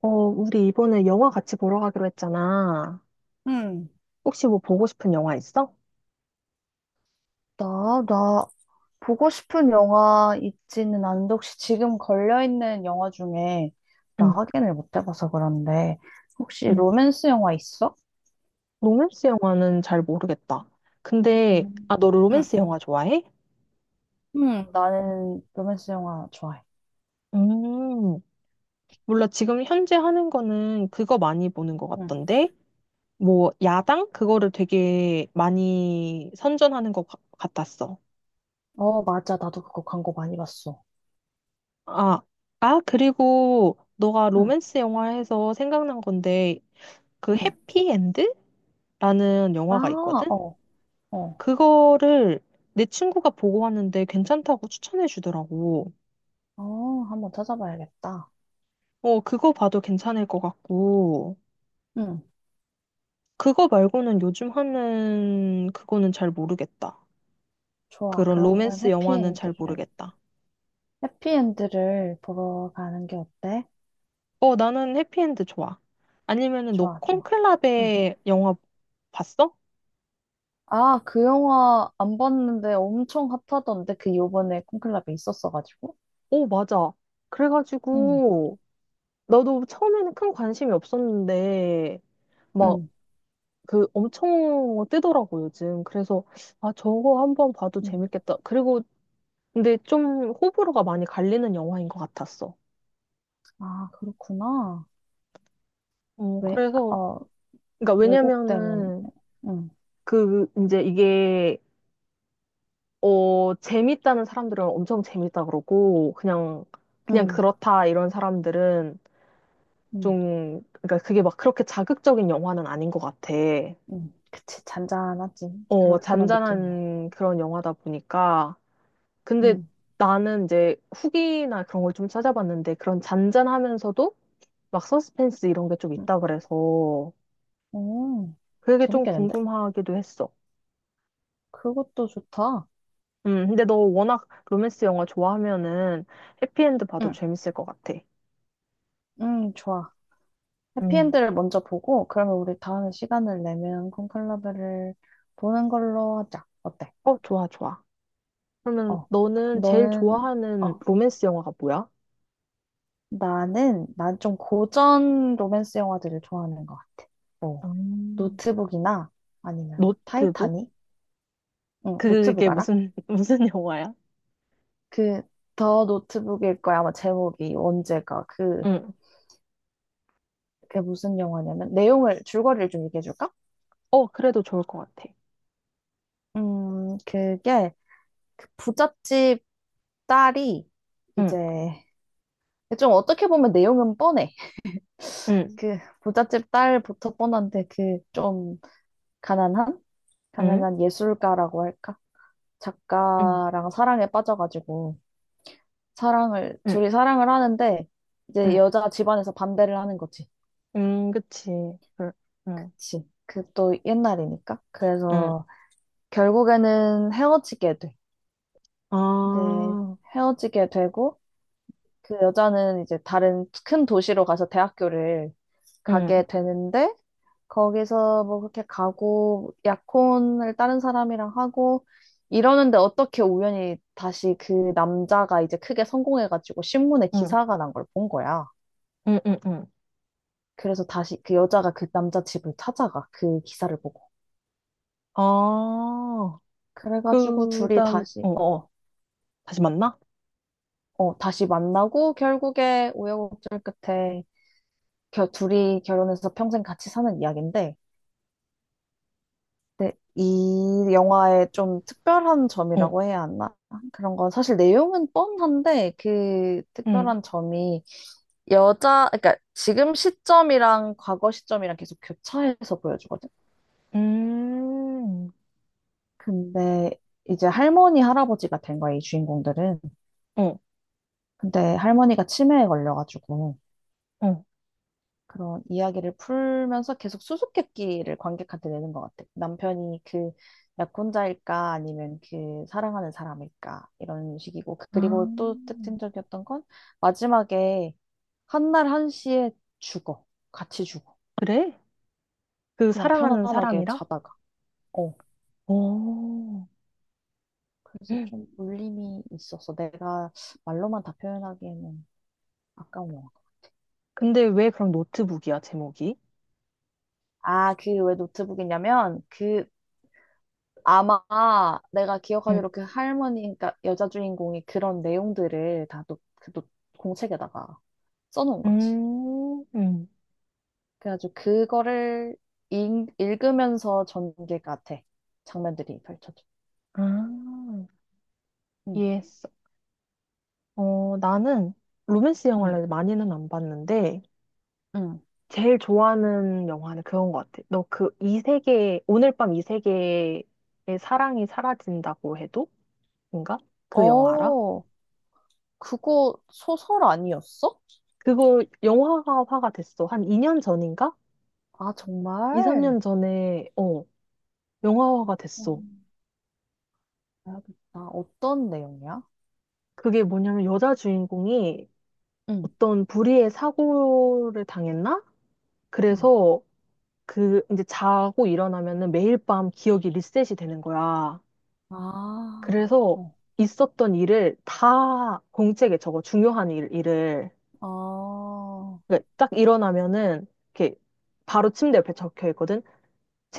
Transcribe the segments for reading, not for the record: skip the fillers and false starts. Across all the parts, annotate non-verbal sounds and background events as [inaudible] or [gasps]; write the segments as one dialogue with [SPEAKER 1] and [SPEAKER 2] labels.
[SPEAKER 1] 어, 우리 이번에 영화 같이 보러 가기로 했잖아.
[SPEAKER 2] 응,
[SPEAKER 1] 혹시 뭐 보고 싶은 영화 있어?
[SPEAKER 2] 나 보고 싶은 영화 있지는 않은데, 혹시 지금 걸려있는 영화 중에, 나
[SPEAKER 1] 응,
[SPEAKER 2] 확인을 못 해봐서 그런데, 혹시
[SPEAKER 1] 응.
[SPEAKER 2] 로맨스 영화 있어?
[SPEAKER 1] 로맨스 영화는 잘 모르겠다. 근데, 아,
[SPEAKER 2] 음.
[SPEAKER 1] 너 로맨스 영화 좋아해?
[SPEAKER 2] 응, 나는 로맨스 영화 좋아해.
[SPEAKER 1] 음, 몰라. 지금 현재 하는 거는 그거 많이 보는 것
[SPEAKER 2] 응.
[SPEAKER 1] 같던데? 뭐, 야당? 그거를 되게 많이 선전하는 것 같았어.
[SPEAKER 2] 어, 맞아. 나도 그거 광고 많이 봤어.
[SPEAKER 1] 아, 아, 그리고 너가
[SPEAKER 2] 응,
[SPEAKER 1] 로맨스 영화에서 생각난 건데, 그
[SPEAKER 2] 응.
[SPEAKER 1] 해피엔드? 라는
[SPEAKER 2] 아,
[SPEAKER 1] 영화가 있거든?
[SPEAKER 2] 어, 어,
[SPEAKER 1] 그거를 내 친구가 보고 왔는데 괜찮다고 추천해 주더라고.
[SPEAKER 2] 어, 한번 찾아봐야겠다.
[SPEAKER 1] 어, 그거 봐도 괜찮을 것 같고,
[SPEAKER 2] 응,
[SPEAKER 1] 그거 말고는 요즘 하는 그거는 잘 모르겠다.
[SPEAKER 2] 좋아.
[SPEAKER 1] 그런 로맨스 영화는 잘 모르겠다.
[SPEAKER 2] 해피엔드를 보러 가는 게 어때?
[SPEAKER 1] 어, 나는 해피엔드 좋아. 아니면은 너
[SPEAKER 2] 좋아, 좋아. 응.
[SPEAKER 1] 콘클라베 영화 봤어?
[SPEAKER 2] 아, 그 영화 안 봤는데 엄청 핫하던데 그 요번에 콘클라베 있었어가지고.
[SPEAKER 1] 오, 맞아.
[SPEAKER 2] 응,
[SPEAKER 1] 그래가지고, 나도 처음에는 큰 관심이 없었는데, 막
[SPEAKER 2] 응,
[SPEAKER 1] 그 엄청 뜨더라고, 요즘. 그래서, 아, 저거 한번 봐도
[SPEAKER 2] 응.
[SPEAKER 1] 재밌겠다. 그리고, 근데 좀 호불호가 많이 갈리는 영화인 것 같았어.
[SPEAKER 2] 아, 그렇구나.
[SPEAKER 1] 어,
[SPEAKER 2] 왜,
[SPEAKER 1] 그래서,
[SPEAKER 2] 어,
[SPEAKER 1] 그러니까
[SPEAKER 2] 왜곡 때문에.
[SPEAKER 1] 왜냐면은,
[SPEAKER 2] 응,
[SPEAKER 1] 그, 이제 이게, 어, 재밌다는 사람들은 엄청 재밌다 그러고, 그냥, 그냥
[SPEAKER 2] 응,
[SPEAKER 1] 그렇다, 이런 사람들은
[SPEAKER 2] 응,
[SPEAKER 1] 좀, 그러니까 그게 막 그렇게 자극적인 영화는 아닌 것 같아.
[SPEAKER 2] 응. 그치, 잔잔하지.
[SPEAKER 1] 어,
[SPEAKER 2] 그런 느낌이야.
[SPEAKER 1] 잔잔한 그런 영화다 보니까, 근데
[SPEAKER 2] 응,
[SPEAKER 1] 나는 이제 후기나 그런 걸 좀 찾아봤는데 그런 잔잔하면서도 막 서스펜스 이런 게 좀
[SPEAKER 2] 응.
[SPEAKER 1] 있다 그래서
[SPEAKER 2] 오,
[SPEAKER 1] 그게 좀
[SPEAKER 2] 재밌겠는데?
[SPEAKER 1] 궁금하기도 했어.
[SPEAKER 2] 그것도 좋다.
[SPEAKER 1] 근데 너 워낙 로맨스 영화 좋아하면은 해피엔드 봐도
[SPEAKER 2] 응,
[SPEAKER 1] 재밌을 것 같아.
[SPEAKER 2] 응, 좋아.
[SPEAKER 1] 음.
[SPEAKER 2] 해피엔드를 먼저 보고, 그러면 우리 다음에 시간을 내면 콘클라베를 보는 걸로 하자. 어때?
[SPEAKER 1] 어, 좋아, 좋아. 그러면
[SPEAKER 2] 어,
[SPEAKER 1] 너는 제일
[SPEAKER 2] 너는,
[SPEAKER 1] 좋아하는
[SPEAKER 2] 어.
[SPEAKER 1] 로맨스 영화가 뭐야?
[SPEAKER 2] 나는, 난 좀 고전 로맨스 영화들을 좋아하는 것 같아. 뭐,
[SPEAKER 1] 음.
[SPEAKER 2] 노트북이나 아니면
[SPEAKER 1] 노트북?
[SPEAKER 2] 타이타닉? 응, 노트북
[SPEAKER 1] 그게
[SPEAKER 2] 알아?
[SPEAKER 1] 무슨, [laughs] 무슨 영화야?
[SPEAKER 2] 그, 더 노트북일 거야. 아마 제목이 언제가.
[SPEAKER 1] 응.
[SPEAKER 2] 그게 무슨 영화냐면, 줄거리를 좀 얘기해줄까?
[SPEAKER 1] 어, 그래도 좋을 것 같아.
[SPEAKER 2] 음, 그게, 그 부잣집 딸이
[SPEAKER 1] 응,
[SPEAKER 2] 이제, 좀 어떻게 보면 내용은 뻔해.
[SPEAKER 1] 응,
[SPEAKER 2] 그 부잣집 딸부터 뻔한데, 그 좀 가난한?
[SPEAKER 1] 응,
[SPEAKER 2] 가난한 예술가라고 할까?
[SPEAKER 1] 응,
[SPEAKER 2] 작가랑 사랑에 빠져가지고 사랑을
[SPEAKER 1] 응,
[SPEAKER 2] 둘이 사랑을 하는데 이제
[SPEAKER 1] 응.
[SPEAKER 2] 여자 집안에서 반대를 하는 거지.
[SPEAKER 1] 그치. 그, 응,
[SPEAKER 2] 그치. 그 또 옛날이니까.
[SPEAKER 1] 응.
[SPEAKER 2] 그래서 결국에는 헤어지게 돼. 네,
[SPEAKER 1] 아,
[SPEAKER 2] 헤어지게 되고 그 여자는 이제 다른 큰 도시로 가서 대학교를
[SPEAKER 1] 응,
[SPEAKER 2] 가게 되는데 거기서 뭐 그렇게 가고 약혼을 다른 사람이랑 하고 이러는데 어떻게 우연히 다시 그 남자가 이제 크게 성공해가지고 신문에
[SPEAKER 1] 응,
[SPEAKER 2] 기사가 난 걸 본 거야.
[SPEAKER 1] 응, 응, 응.
[SPEAKER 2] 그래서 다시 그 여자가 그 남자 집을 찾아가 그 기사를 보고.
[SPEAKER 1] 아,
[SPEAKER 2] 그래가지고
[SPEAKER 1] 그
[SPEAKER 2] 둘이
[SPEAKER 1] 다음,
[SPEAKER 2] 다시
[SPEAKER 1] 어,
[SPEAKER 2] 어,
[SPEAKER 1] 다시 만나?
[SPEAKER 2] 어, 다시 만나고 결국에 우여곡절 끝에 둘이 결혼해서 평생 같이 사는 이야기인데 네, 이 영화의 좀 특별한
[SPEAKER 1] 어,
[SPEAKER 2] 점이라고 해야 하나? 그런 건 사실 내용은 뻔한데 그
[SPEAKER 1] 응,
[SPEAKER 2] 특별한 점이 그러니까 지금 시점이랑 과거 시점이랑 계속 교차해서 보여주거든.
[SPEAKER 1] 음,
[SPEAKER 2] 근데 이제 할머니, 할아버지가 된 거야, 이 주인공들은.
[SPEAKER 1] 어,
[SPEAKER 2] 근데 할머니가 치매에 걸려가지고
[SPEAKER 1] 어.
[SPEAKER 2] 그런 이야기를 풀면서 계속 수수께끼를 관객한테 내는 것 같아. 남편이 그 약혼자일까 아니면 그 사랑하는 사람일까 이런 식이고
[SPEAKER 1] 아,
[SPEAKER 2] 그리고 또 특징적이었던 건 마지막에 한 날 한시에 죽어. 같이 죽어.
[SPEAKER 1] 그래? 그
[SPEAKER 2] 그냥
[SPEAKER 1] 사랑하는
[SPEAKER 2] 편안하게
[SPEAKER 1] 사람이랑?
[SPEAKER 2] 자다가. 어.
[SPEAKER 1] 오,
[SPEAKER 2] 그래서 좀
[SPEAKER 1] [gasps]
[SPEAKER 2] 울림이 있었어. 내가 말로만 다 표현하기에는 아까운 영화.
[SPEAKER 1] 근데 왜 그럼 노트북이야, 제목이?
[SPEAKER 2] 아, 그 왜 노트북이냐면 그 아마 내가
[SPEAKER 1] 응,
[SPEAKER 2] 기억하기로 그 할머니, 그러니까 여자 주인공이 그런 내용들을 다 노, 그 노, 공책에다가 써놓은 거지.
[SPEAKER 1] 음, 음.
[SPEAKER 2] 그래가지고 그거를 읽으면서 전개가 돼. 장면들이 펼쳐져.
[SPEAKER 1] 아,
[SPEAKER 2] 응,
[SPEAKER 1] 이해했어. 어, 나는 로맨스
[SPEAKER 2] 응,
[SPEAKER 1] 영화를 많이는 안 봤는데,
[SPEAKER 2] 응.
[SPEAKER 1] 제일 좋아하는 영화는 그건 것 같아. 너 그 이 세계, 오늘 밤 이 세계의 사랑이 사라진다고 해도? 인가? 그 영화 알아?
[SPEAKER 2] 어, 그거 소설 아니었어?
[SPEAKER 1] 그거 영화화가 됐어. 한 2년 전인가?
[SPEAKER 2] 아,
[SPEAKER 1] 2,
[SPEAKER 2] 정말?
[SPEAKER 1] 3년 전에, 어, 영화화가 됐어.
[SPEAKER 2] 음, 봐겠다 어떤 내용이야?
[SPEAKER 1] 그게 뭐냐면 여자 주인공이
[SPEAKER 2] 응,
[SPEAKER 1] 어떤 불의의 사고를 당했나?
[SPEAKER 2] 응.
[SPEAKER 1] 그래서 그 이제 자고 일어나면은 매일 밤 기억이 리셋이 되는 거야.
[SPEAKER 2] 아,
[SPEAKER 1] 그래서
[SPEAKER 2] 어,
[SPEAKER 1] 있었던 일을 다 공책에 적어, 중요한 일, 일을.
[SPEAKER 2] 아,
[SPEAKER 1] 그러니까 딱 일어나면은, 이렇게 바로 침대 옆에 적혀 있거든.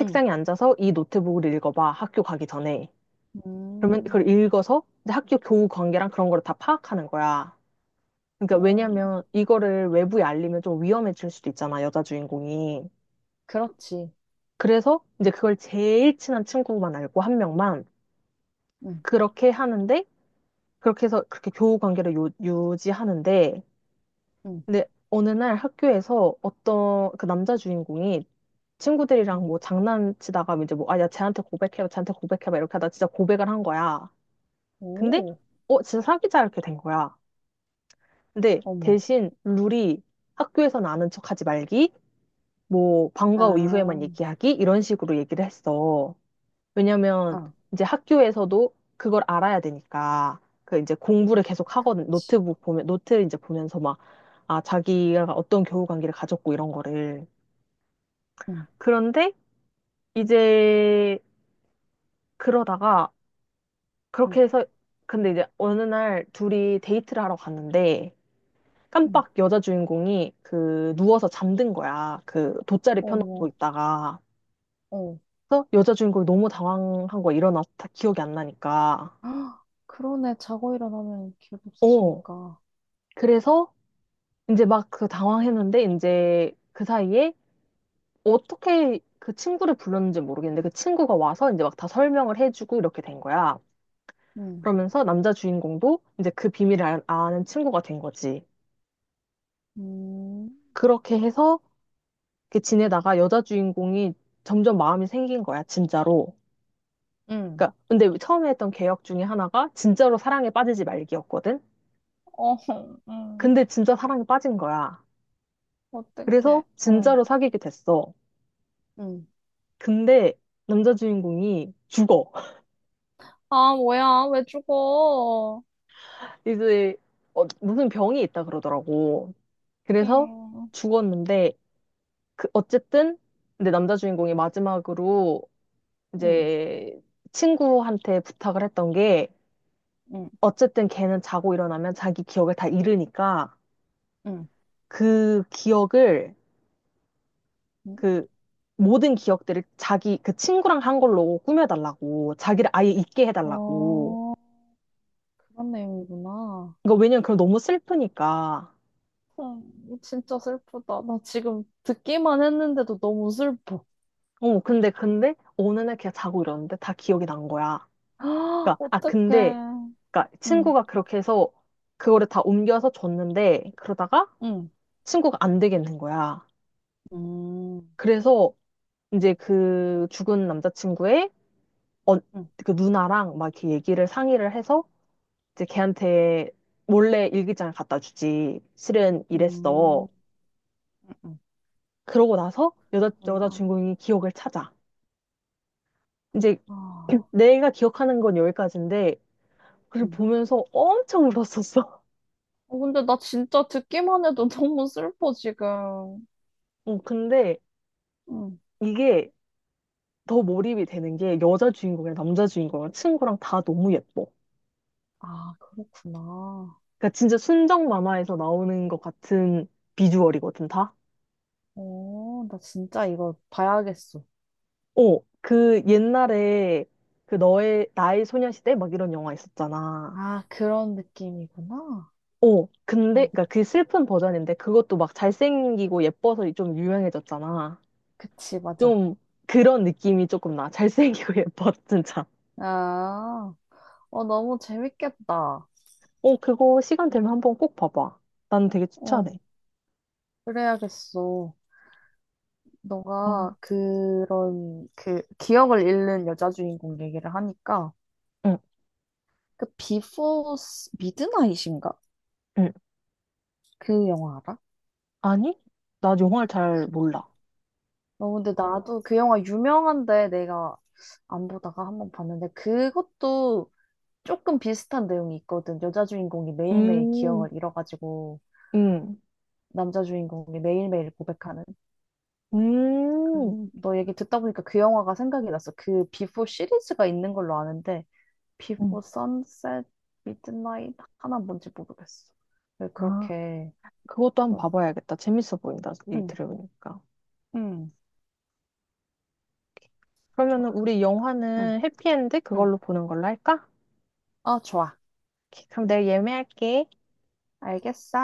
[SPEAKER 2] 응,
[SPEAKER 1] 앉아서 이 노트북을 읽어봐, 학교 가기 전에. 그러면
[SPEAKER 2] 음,
[SPEAKER 1] 그걸 읽어서 이제 학교 교우 관계랑 그런 거를 다 파악하는 거야. 그러니까
[SPEAKER 2] 음.
[SPEAKER 1] 왜냐면 이거를 외부에 알리면 좀 위험해질 수도 있잖아, 여자 주인공이.
[SPEAKER 2] 그렇지.
[SPEAKER 1] 그래서 이제 그걸 제일 친한 친구만 알고 한 명만
[SPEAKER 2] 응,
[SPEAKER 1] 그렇게 하는데, 그렇게 해서 그렇게 교우 관계를 유지하는데,
[SPEAKER 2] 응,
[SPEAKER 1] 근데 어느 날 학교에서 어떤 그 남자 주인공이 친구들이랑
[SPEAKER 2] 응.
[SPEAKER 1] 뭐 장난치다가 이제 뭐, 아, 야, 쟤한테 고백해봐, 쟤한테 고백해봐, 이렇게 하다 진짜 고백을 한 거야. 근데,
[SPEAKER 2] 오,
[SPEAKER 1] 어, 진짜 사귀자, 이렇게 된 거야. 근데
[SPEAKER 2] 어머.
[SPEAKER 1] 대신 룰이 학교에서는 아는 척 하지 말기, 뭐, 방과 후 이후에만
[SPEAKER 2] 아,
[SPEAKER 1] 얘기하기, 이런 식으로 얘기를 했어. 왜냐면
[SPEAKER 2] 아,
[SPEAKER 1] 이제 학교에서도 그걸 알아야 되니까 그 이제 공부를 계속 하거든.
[SPEAKER 2] 치.
[SPEAKER 1] 노트북 보면 노트 이제 보면서 막 아, 자기가 어떤 교우 관계를 가졌고 이런 거를.
[SPEAKER 2] 응,
[SPEAKER 1] 그런데 이제 그러다가
[SPEAKER 2] 응,
[SPEAKER 1] 그렇게 해서 근데 이제 어느 날 둘이 데이트를 하러 갔는데
[SPEAKER 2] 응.
[SPEAKER 1] 깜빡 여자 주인공이 그 누워서 잠든 거야. 그 돗자리 펴놓고
[SPEAKER 2] 어머,
[SPEAKER 1] 있다가.
[SPEAKER 2] 어.
[SPEAKER 1] 그래서 여자 주인공이 너무 당황한 거야. 일어나서 다 기억이 안 나니까.
[SPEAKER 2] [gasps] 헉, 그러네. 자고 일어나면 기억
[SPEAKER 1] 어.
[SPEAKER 2] 없어지니까.
[SPEAKER 1] 그래서 이제 막 그 당황했는데 이제 그 사이에 어떻게 그 친구를 불렀는지 모르겠는데 그 친구가 와서 이제 막 다 설명을 해주고 이렇게 된 거야.
[SPEAKER 2] 응,
[SPEAKER 1] 그러면서 남자 주인공도 이제 그 비밀을 아는 친구가 된 거지.
[SPEAKER 2] 음,
[SPEAKER 1] 그렇게 해서 이렇게 지내다가 여자 주인공이 점점 마음이 생긴 거야, 진짜로.
[SPEAKER 2] 응.
[SPEAKER 1] 그러니까 근데 처음에 했던 개혁 중에 하나가 진짜로 사랑에 빠지지 말기였거든.
[SPEAKER 2] 어, 응
[SPEAKER 1] 근데 진짜 사랑에 빠진 거야.
[SPEAKER 2] 어떡해.
[SPEAKER 1] 그래서
[SPEAKER 2] 어,
[SPEAKER 1] 진짜로 사귀게 됐어.
[SPEAKER 2] 응,
[SPEAKER 1] 근데 남자 주인공이 죽어.
[SPEAKER 2] 아, 뭐야, 왜 죽어?
[SPEAKER 1] 이제 어, 무슨 병이 있다 그러더라고. 그래서
[SPEAKER 2] 띵.
[SPEAKER 1] 죽었는데 그 어쨌든 근데 남자 주인공이 마지막으로
[SPEAKER 2] 응,
[SPEAKER 1] 이제 친구한테 부탁을 했던 게
[SPEAKER 2] 응,
[SPEAKER 1] 어쨌든 걔는 자고 일어나면 자기 기억을 다 잃으니까
[SPEAKER 2] 응.
[SPEAKER 1] 그 기억을
[SPEAKER 2] 응.
[SPEAKER 1] 그 모든 기억들을 자기 그 친구랑 한 걸로 꾸며달라고 자기를 아예 잊게 해달라고.
[SPEAKER 2] 어, 그런 내용이구나.
[SPEAKER 1] 그러니까 왜냐면 그럼 너무 슬프니까.
[SPEAKER 2] 진짜 슬프다. 나 지금 듣기만 했는데도 너무 슬퍼.
[SPEAKER 1] 어 근데 어느 날 걔가 자고 일어났는데 다 기억이 난 거야.
[SPEAKER 2] [gasps] 아,
[SPEAKER 1] 그러니까 아
[SPEAKER 2] 어떡해.
[SPEAKER 1] 근데 그러니까
[SPEAKER 2] 응,
[SPEAKER 1] 친구가 그렇게 해서 그거를 다 옮겨서 줬는데 그러다가
[SPEAKER 2] 응,
[SPEAKER 1] 친구가 안 되겠는 거야.
[SPEAKER 2] 음,
[SPEAKER 1] 그래서 이제 그 죽은 남자친구의 어,
[SPEAKER 2] 응,
[SPEAKER 1] 그 누나랑 막 이렇게 얘기를 상의를 해서 이제 걔한테 몰래 일기장을 갖다 주지. 실은
[SPEAKER 2] 음,
[SPEAKER 1] 이랬어.
[SPEAKER 2] 응,
[SPEAKER 1] 그러고 나서 여자
[SPEAKER 2] 그렇구나.
[SPEAKER 1] 주인공이 기억을 찾아. 이제
[SPEAKER 2] 아,
[SPEAKER 1] [clears throat] 내가 기억하는 건 여기까지인데 그걸
[SPEAKER 2] 응.
[SPEAKER 1] 보면서 엄청 울었었어.
[SPEAKER 2] 어, 근데 나 진짜 듣기만 해도 [laughs] 너무 슬퍼, 지금.
[SPEAKER 1] [laughs] 어, 근데
[SPEAKER 2] 응.
[SPEAKER 1] 이게 더 몰입이 되는 게 여자 주인공이랑 남자 주인공이랑 친구랑 다 너무 예뻐.
[SPEAKER 2] 아, 그렇구나.
[SPEAKER 1] 그러니까 진짜 순정 만화에서 나오는 것 같은 비주얼이거든, 다.
[SPEAKER 2] 오, 나 진짜 이거 봐야겠어.
[SPEAKER 1] 어, 그 옛날에 그 너의, 나의 소녀시대 막 이런 영화 있었잖아.
[SPEAKER 2] 아, 그런 느낌이구나.
[SPEAKER 1] 어, 근데,
[SPEAKER 2] 어,
[SPEAKER 1] 그니까 그 슬픈 버전인데 그것도 막 잘생기고 예뻐서 좀 유명해졌잖아.
[SPEAKER 2] 그치, 맞아.
[SPEAKER 1] 좀 그런 느낌이 조금 나. 잘생기고 [laughs] 예뻐, 진짜.
[SPEAKER 2] 아, 어, 너무 재밌겠다.
[SPEAKER 1] 어, 그거 시간 되면 한번 꼭 봐봐. 난 되게
[SPEAKER 2] 어,
[SPEAKER 1] 추천해.
[SPEAKER 2] 그래야겠어.
[SPEAKER 1] 아,
[SPEAKER 2] 너가 그런 그 기억을 잃는 여자 주인공 얘기를 하니까
[SPEAKER 1] 응,
[SPEAKER 2] 그 비포 미드나잇인가?
[SPEAKER 1] 응.
[SPEAKER 2] 그 영화 알아?
[SPEAKER 1] 아니? 나 영화를 잘
[SPEAKER 2] 그
[SPEAKER 1] 몰라.
[SPEAKER 2] 어, 근데 나도 그 영화 유명한데 내가 안 보다가 한번 봤는데 그것도 조금 비슷한 내용이 있거든. 여자 주인공이 매일매일
[SPEAKER 1] 음,
[SPEAKER 2] 기억을 잃어가지고
[SPEAKER 1] 음,
[SPEAKER 2] 남자 주인공이 매일매일 고백하는. 그래서
[SPEAKER 1] 음.
[SPEAKER 2] 너 얘기 듣다 보니까 그 영화가 생각이 났어. 그 비포 시리즈가 있는 걸로 아는데
[SPEAKER 1] 응.
[SPEAKER 2] 비포 선셋 미드나잇 하나 뭔지 모르겠어. 왜
[SPEAKER 1] 아,
[SPEAKER 2] 그렇게
[SPEAKER 1] 그것도 한번
[SPEAKER 2] 하더라.
[SPEAKER 1] 봐봐야겠다. 재밌어 보인다. 얘기
[SPEAKER 2] 응,
[SPEAKER 1] 들어보니까.
[SPEAKER 2] 응,
[SPEAKER 1] 그러면은
[SPEAKER 2] 좋아.
[SPEAKER 1] 우리
[SPEAKER 2] 응,
[SPEAKER 1] 영화는 해피엔드
[SPEAKER 2] 응.
[SPEAKER 1] 그걸로 보는 걸로 할까?
[SPEAKER 2] 어, 좋아.
[SPEAKER 1] 오케이, 그럼 내가 예매할게.
[SPEAKER 2] 알겠어.